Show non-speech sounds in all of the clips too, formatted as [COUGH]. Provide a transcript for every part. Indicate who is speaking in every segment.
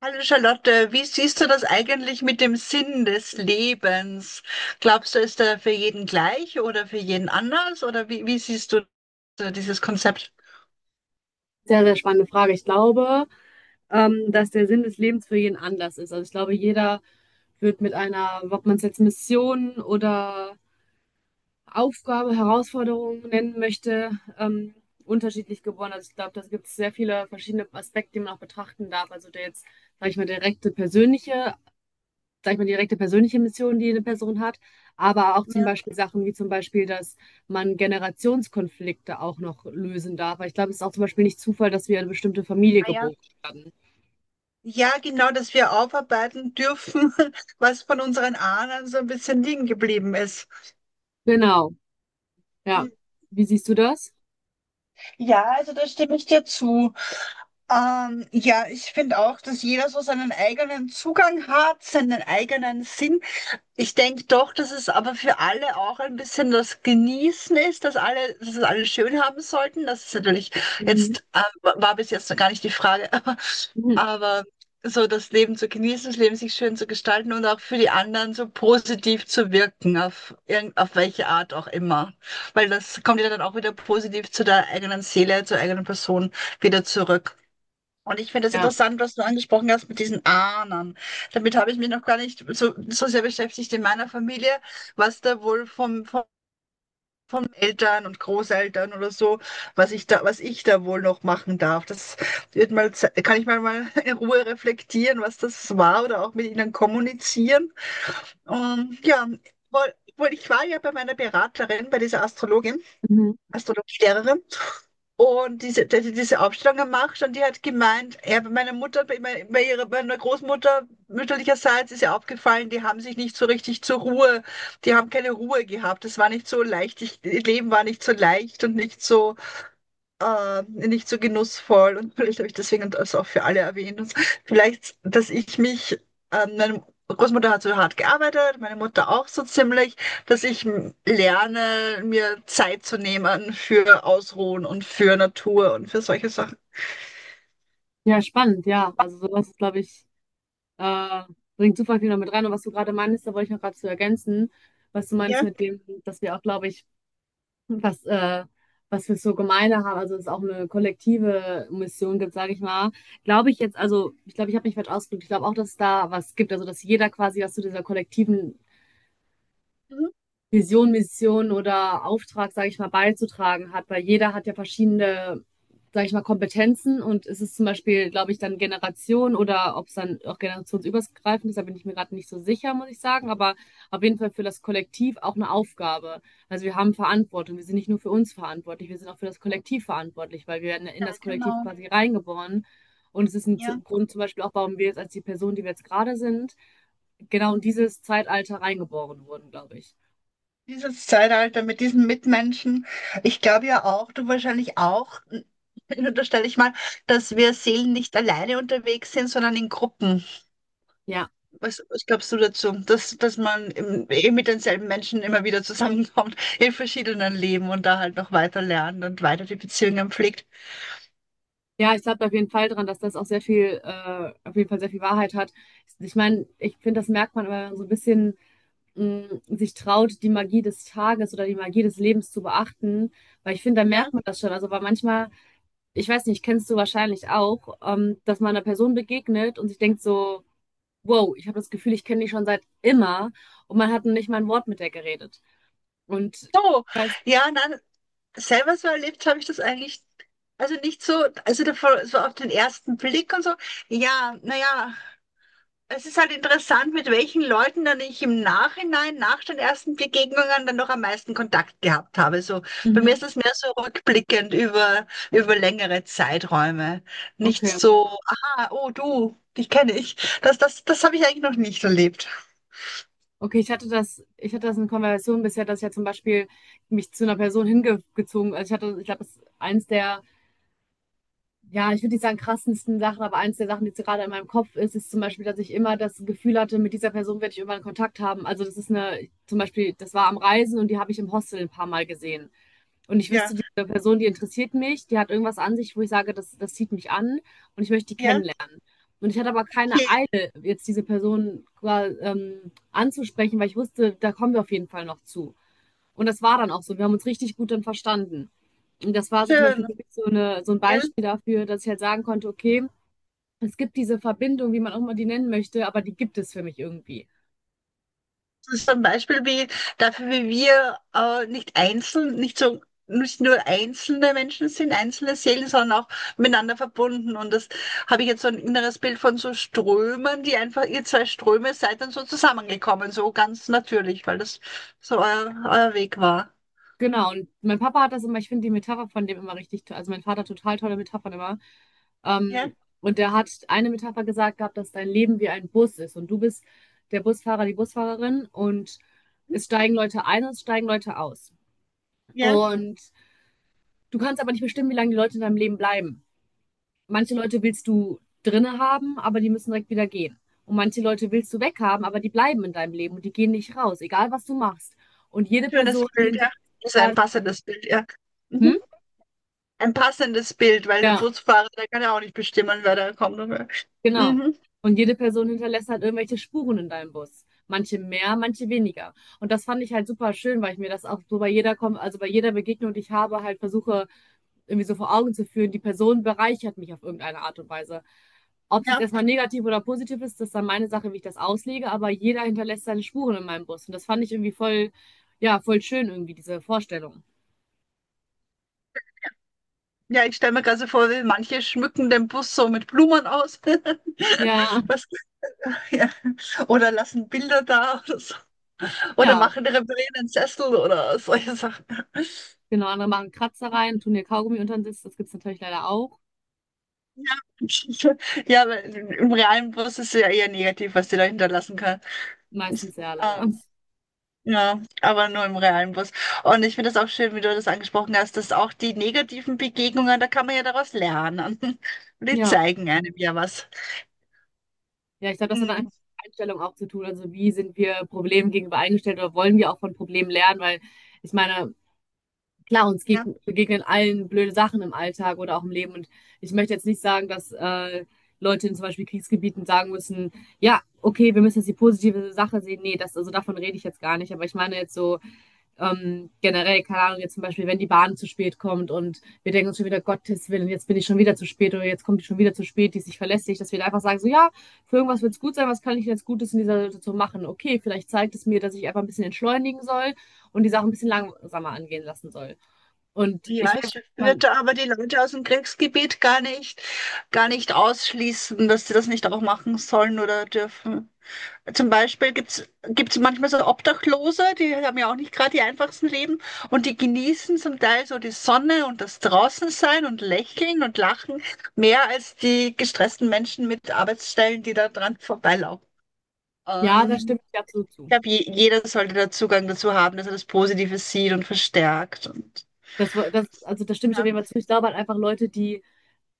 Speaker 1: Hallo Charlotte, wie siehst du das eigentlich mit dem Sinn des Lebens? Glaubst du, ist der für jeden gleich oder für jeden anders? Oder wie siehst du so dieses Konzept?
Speaker 2: Sehr, sehr spannende Frage. Ich glaube, dass der Sinn des Lebens für jeden anders ist. Also ich glaube, jeder wird mit einer, ob man es jetzt Mission oder Aufgabe, Herausforderung nennen möchte, ähm, unterschiedlich geboren. Also ich glaube, da gibt es sehr viele verschiedene Aspekte, die man auch betrachten darf. Also der jetzt, sage ich mal, direkte persönliche Sag ich mal, direkte persönliche Mission, die eine Person hat, aber auch zum
Speaker 1: Ja,
Speaker 2: Beispiel Sachen wie zum Beispiel, dass man Generationskonflikte auch noch lösen darf. Weil ich glaube, es ist auch zum Beispiel nicht Zufall, dass wir eine bestimmte Familie
Speaker 1: ah ja.
Speaker 2: geboren werden.
Speaker 1: Ja, genau, dass wir aufarbeiten dürfen, [LAUGHS] was von unseren Ahnen so ein bisschen liegen geblieben ist.
Speaker 2: Genau, ja. Wie siehst du das?
Speaker 1: Ja, also da stimme ich dir zu. Ja, ich finde auch, dass jeder so seinen eigenen Zugang hat, seinen eigenen Sinn. Ich denke doch, dass es aber für alle auch ein bisschen das Genießen ist, dass alle, dass es alle schön haben sollten. Das ist natürlich
Speaker 2: Mhm.
Speaker 1: jetzt, war bis jetzt noch gar nicht die Frage, [LAUGHS]
Speaker 2: Mhm.
Speaker 1: aber so das Leben zu genießen, das Leben sich schön zu gestalten und auch für die anderen so positiv zu wirken, auf irgend, auf welche Art auch immer. Weil das kommt ja dann auch wieder positiv zu der eigenen Seele, zur eigenen Person wieder zurück. Und ich finde das
Speaker 2: Ja.
Speaker 1: interessant, was du angesprochen hast mit diesen Ahnern. Damit habe ich mich noch gar nicht so sehr beschäftigt in meiner Familie, was da wohl vom, von Eltern und Großeltern oder so, was ich da wohl noch machen darf. Das wird mal, kann ich mal, mal in Ruhe reflektieren, was das war oder auch mit ihnen kommunizieren. Und ja, wohl ich war ja bei meiner Beraterin, bei dieser Astrologin,
Speaker 2: Mhm.
Speaker 1: Astrologielehrerin. Und diese, dass ich diese Aufstellung gemacht und die hat gemeint, ja, bei meiner Mutter, bei, bei ihrer, bei meiner Großmutter mütterlicherseits ist ihr aufgefallen, die haben sich nicht so richtig zur Ruhe, die haben keine Ruhe gehabt. Das war nicht so leicht, ich, ihr Leben war nicht so leicht und nicht so nicht so genussvoll und vielleicht habe ich deswegen das auch für alle erwähnt. Und vielleicht, dass ich mich, meine Großmutter hat so hart gearbeitet, meine Mutter auch so ziemlich, dass ich lerne, mir Zeit zu nehmen für Ausruhen und für Natur und für solche Sachen.
Speaker 2: Ja, spannend, ja. Also sowas, glaube ich, äh, bringt super viel noch mit rein. Und was du gerade meinst, da wollte ich noch gerade zu ergänzen, was du meinst
Speaker 1: Ja.
Speaker 2: mit dem, dass wir auch, glaube ich, was, äh, was wir so gemeiner haben, also dass es auch eine kollektive Mission gibt, sage ich mal, glaube ich jetzt, also ich glaube, ich habe mich falsch ausgedrückt, ich glaube auch, dass es da was gibt, also dass jeder quasi was zu dieser kollektiven
Speaker 1: Mhm.
Speaker 2: Vision, Mission oder Auftrag, sage ich mal, beizutragen hat, weil jeder hat ja verschiedene, sage ich mal, Kompetenzen und es ist zum Beispiel, glaube ich, dann Generation oder ob es dann auch generationsübergreifend ist, da bin ich mir gerade nicht so sicher, muss ich sagen, aber auf jeden Fall für das Kollektiv auch eine Aufgabe. Also wir haben Verantwortung, wir sind nicht nur für uns verantwortlich, wir sind auch für das Kollektiv verantwortlich, weil wir werden in
Speaker 1: Ja,
Speaker 2: das Kollektiv
Speaker 1: genau.
Speaker 2: quasi reingeboren und es ist ein
Speaker 1: Ja,
Speaker 2: Grund zum Beispiel auch, warum wir jetzt als die Person, die wir jetzt gerade sind, genau in dieses Zeitalter reingeboren wurden, glaube ich.
Speaker 1: dieses Zeitalter mit diesen Mitmenschen. Ich glaube ja auch, du wahrscheinlich auch, [LAUGHS] unterstelle ich mal, dass wir Seelen nicht alleine unterwegs sind, sondern in Gruppen.
Speaker 2: Ja,
Speaker 1: Was glaubst du dazu, dass man im, eh mit denselben Menschen immer wieder zusammenkommt [LAUGHS] in verschiedenen Leben und da halt noch weiter lernt und weiter die Beziehungen pflegt?
Speaker 2: ja, ich glaube auf jeden Fall dran, dass das auch sehr viel, auf jeden Fall sehr viel Wahrheit hat. Ich meine, ich finde, das merkt man, wenn man so ein bisschen sich traut, die Magie des Tages oder die Magie des Lebens zu beachten, weil ich finde, da
Speaker 1: Ja.
Speaker 2: merkt man das schon. Also, weil manchmal, ich weiß nicht, kennst du wahrscheinlich auch, dass man einer Person begegnet und sich denkt so, wow, ich habe das Gefühl, ich kenne die schon seit immer und man hat nicht mal ein Wort mit der geredet. Und ich
Speaker 1: So,
Speaker 2: weiß,
Speaker 1: ja, nein, selber so erlebt habe ich das eigentlich, also nicht so, also davor, so auf den ersten Blick und so. Ja, naja, es ist halt interessant, mit welchen Leuten dann ich im Nachhinein, nach den ersten Begegnungen, dann noch am meisten Kontakt gehabt habe. So, bei mir
Speaker 2: mhm,
Speaker 1: ist das mehr so rückblickend über längere Zeiträume. Nicht
Speaker 2: okay.
Speaker 1: so, aha, oh du, dich kenne ich. Das habe ich eigentlich noch nicht erlebt.
Speaker 2: Okay, ich hatte das in Konversation bisher, dass ich ja zum Beispiel mich zu einer Person hingezogen, also ich hatte, ich glaube, das ist eins der, ja, ich würde nicht sagen krassesten Sachen, aber eins der Sachen, die jetzt gerade in meinem Kopf ist, ist zum Beispiel, dass ich immer das Gefühl hatte, mit dieser Person werde ich irgendwann Kontakt haben. Also das ist eine, zum Beispiel, das war am Reisen und die habe ich im Hostel ein paar Mal gesehen. Und ich
Speaker 1: Ja,
Speaker 2: wüsste, diese Person, die interessiert mich, die hat irgendwas an sich, wo ich sage, das zieht mich an und ich möchte die
Speaker 1: ja,
Speaker 2: kennenlernen. Und ich hatte aber keine
Speaker 1: okay,
Speaker 2: Eile, jetzt diese Person quasi, anzusprechen, weil ich wusste, da kommen wir auf jeden Fall noch zu. Und das war dann auch so. Wir haben uns richtig gut dann verstanden. Und das war so zum
Speaker 1: schön.
Speaker 2: Beispiel so, eine, so ein
Speaker 1: Ja.
Speaker 2: Beispiel dafür, dass ich halt sagen konnte, okay, es gibt diese Verbindung, wie man auch immer die nennen möchte, aber die gibt es für mich irgendwie.
Speaker 1: Das ist ein Beispiel wie dafür, wie wir nicht einzeln, nicht so nicht nur einzelne Menschen sind, einzelne Seelen, sondern auch miteinander verbunden. Und das habe ich jetzt so ein inneres Bild von so Strömen, die einfach, ihr zwei Ströme seid dann so zusammengekommen, so ganz natürlich, weil das so euer Weg war.
Speaker 2: Genau, und mein Papa hat das immer, ich finde die Metapher von dem immer richtig toll, also mein Vater hat total tolle Metaphern immer.
Speaker 1: Ja,
Speaker 2: Ähm, und der hat eine Metapher gesagt gehabt, dass dein Leben wie ein Bus ist und du bist der Busfahrer, die Busfahrerin und
Speaker 1: mhm,
Speaker 2: es steigen Leute ein und es steigen Leute aus.
Speaker 1: ja,
Speaker 2: Und du kannst aber nicht bestimmen, wie lange die Leute in deinem Leben bleiben. Manche Leute willst du drinne haben, aber die müssen direkt wieder gehen. Und manche Leute willst du weghaben, aber die bleiben in deinem Leben und die gehen nicht raus, egal was du machst. Und jede
Speaker 1: schönes
Speaker 2: Person
Speaker 1: Bild,
Speaker 2: hinter
Speaker 1: ja. Ist ein passendes Bild, ja.
Speaker 2: hm?
Speaker 1: Mhm. Ein passendes Bild, weil der
Speaker 2: Ja.
Speaker 1: Busfahrer, der kann ja auch nicht bestimmen, wer da kommt und
Speaker 2: Genau.
Speaker 1: mhm.
Speaker 2: Und jede Person hinterlässt halt irgendwelche Spuren in deinem Bus. Manche mehr, manche weniger. Und das fand ich halt super schön, weil ich mir das auch so bei jeder, also bei jeder Begegnung, die ich habe, halt versuche, irgendwie so vor Augen zu führen, die Person bereichert mich auf irgendeine Art und Weise. Ob es jetzt
Speaker 1: Ja.
Speaker 2: erstmal negativ oder positiv ist, das ist dann meine Sache, wie ich das auslege, aber jeder hinterlässt seine Spuren in meinem Bus. Und das fand ich irgendwie voll, ja, voll schön irgendwie, diese Vorstellung.
Speaker 1: Ja, ich stelle mir gerade so vor, wie manche schmücken den Bus so mit Blumen aus.
Speaker 2: Ja,
Speaker 1: [LAUGHS] Was, ja. Oder lassen Bilder da oder so. Oder
Speaker 2: ja,
Speaker 1: machen, reparieren den Sessel oder solche Sachen. [LAUGHS]
Speaker 2: genau. Andere machen Kratzer rein, tun ihr Kaugummi unter den Sitz, das gibt's natürlich leider auch.
Speaker 1: Ja, aber im realen Bus ist es ja eher negativ, was die da hinterlassen kann.
Speaker 2: Meistens ja,
Speaker 1: Ah,
Speaker 2: leider.
Speaker 1: ja, aber nur im realen Bus. Und ich finde das auch schön, wie du das angesprochen hast, dass auch die negativen Begegnungen, da kann man ja daraus lernen. [LAUGHS] Und die
Speaker 2: Ja,
Speaker 1: zeigen einem ja was.
Speaker 2: ja, ich glaube, das hat dann
Speaker 1: Mhm.
Speaker 2: einfach mit Einstellung auch zu tun. Also wie sind wir Problemen gegenüber eingestellt oder wollen wir auch von Problemen lernen? Weil ich meine, klar, uns geg
Speaker 1: Ja.
Speaker 2: begegnen allen blöde Sachen im Alltag oder auch im Leben. Und ich möchte jetzt nicht sagen, dass Leute in zum Beispiel Kriegsgebieten sagen müssen, ja, okay, wir müssen jetzt die positive Sache sehen. Nee, das, also davon rede ich jetzt gar nicht. Aber ich meine jetzt so, generell, keine Ahnung, jetzt zum Beispiel, wenn die Bahn zu spät kommt und wir denken uns schon wieder, Gottes Willen, jetzt bin ich schon wieder zu spät oder jetzt kommt die schon wieder zu spät, die ist nicht verlässlich, dass wir da einfach sagen, so ja, für irgendwas wird es gut sein, was kann ich jetzt Gutes in dieser Situation machen? Okay, vielleicht zeigt es mir, dass ich einfach ein bisschen entschleunigen soll und die Sache ein bisschen langsamer angehen lassen soll. Und ich
Speaker 1: Ja,
Speaker 2: weiß,
Speaker 1: ich
Speaker 2: man,
Speaker 1: würde aber die Leute aus dem Kriegsgebiet gar nicht ausschließen, dass sie das nicht auch machen sollen oder dürfen. Zum Beispiel gibt's manchmal so Obdachlose, die haben ja auch nicht gerade die einfachsten Leben und die genießen zum Teil so die Sonne und das Draußensein und Lächeln und Lachen mehr als die gestressten Menschen mit Arbeitsstellen, die da dran vorbeilaufen.
Speaker 2: ja, da stimme
Speaker 1: Ähm,
Speaker 2: ich dir absolut
Speaker 1: ich
Speaker 2: zu.
Speaker 1: glaube, jeder sollte da Zugang dazu haben, dass er das Positive sieht und verstärkt und
Speaker 2: Also da stimme ich auf
Speaker 1: ja.
Speaker 2: jeden Fall zu. Ich glaube halt einfach Leute, die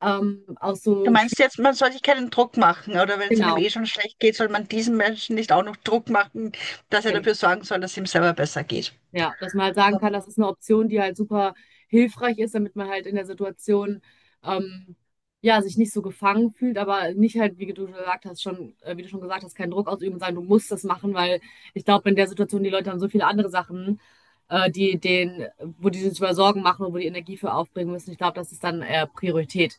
Speaker 2: aus
Speaker 1: Du
Speaker 2: so schwierigen,
Speaker 1: meinst jetzt, man soll sich keinen Druck machen, oder wenn es einem
Speaker 2: genau,
Speaker 1: eh schon schlecht geht, soll man diesem Menschen nicht auch noch Druck machen, dass er
Speaker 2: genau.
Speaker 1: dafür sorgen soll, dass es ihm selber besser geht.
Speaker 2: Ja, dass man halt sagen
Speaker 1: So.
Speaker 2: kann, das ist eine Option, die halt super hilfreich ist, damit man halt in der Situation ähm, ja sich nicht so gefangen fühlt, aber nicht halt, wie du schon gesagt hast, keinen Druck ausüben und sagen, du musst das machen, weil ich glaube, in der Situation, die Leute haben so viele andere Sachen, äh, die den, wo die sich über Sorgen machen und wo die Energie für aufbringen müssen. Ich glaube, das ist dann eher Priorität.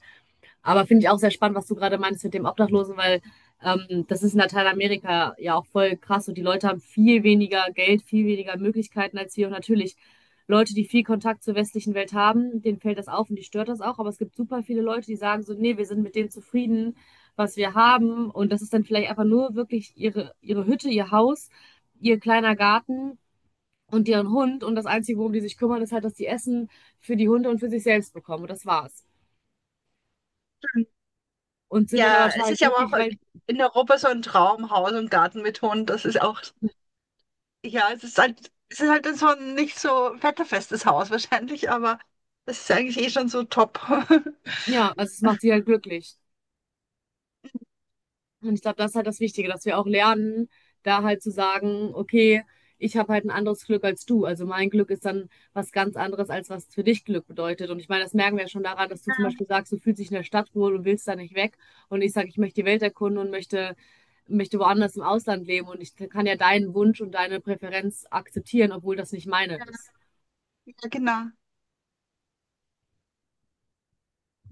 Speaker 2: Aber finde ich auch sehr spannend, was du gerade meinst mit dem Obdachlosen, weil das ist in Lateinamerika ja auch voll krass und die Leute haben viel weniger Geld, viel weniger Möglichkeiten als wir. Und natürlich, Leute, die viel Kontakt zur westlichen Welt haben, denen fällt das auf und die stört das auch. Aber es gibt super viele Leute, die sagen so, nee, wir sind mit dem zufrieden, was wir haben. Und das ist dann vielleicht einfach nur wirklich ihre Hütte, ihr Haus, ihr kleiner Garten und deren Hund. Und das Einzige, worum die sich kümmern, ist halt, dass die Essen für die Hunde und für sich selbst bekommen. Und das war's. Und sind dann aber
Speaker 1: Ja, es
Speaker 2: total
Speaker 1: ist ja aber
Speaker 2: glücklich,
Speaker 1: auch
Speaker 2: weil
Speaker 1: in Europa so ein Traum, Haus und Garten mit Hund. Das ist auch, ja, es ist halt so ein nicht so wetterfestes Haus wahrscheinlich, aber es ist eigentlich eh schon so top. [LAUGHS]
Speaker 2: ja, also es macht sie halt glücklich. Und ich glaube, das ist halt das Wichtige, dass wir auch lernen, da halt zu sagen, okay, ich habe halt ein anderes Glück als du. Also mein Glück ist dann was ganz anderes, als was für dich Glück bedeutet. Und ich meine, das merken wir ja schon daran, dass du zum Beispiel sagst, du fühlst dich in der Stadt wohl und willst da nicht weg. Und ich sage, ich möchte die Welt erkunden und möchte woanders im Ausland leben. Und ich kann ja deinen Wunsch und deine Präferenz akzeptieren, obwohl das nicht meine ist.
Speaker 1: Ja, genau.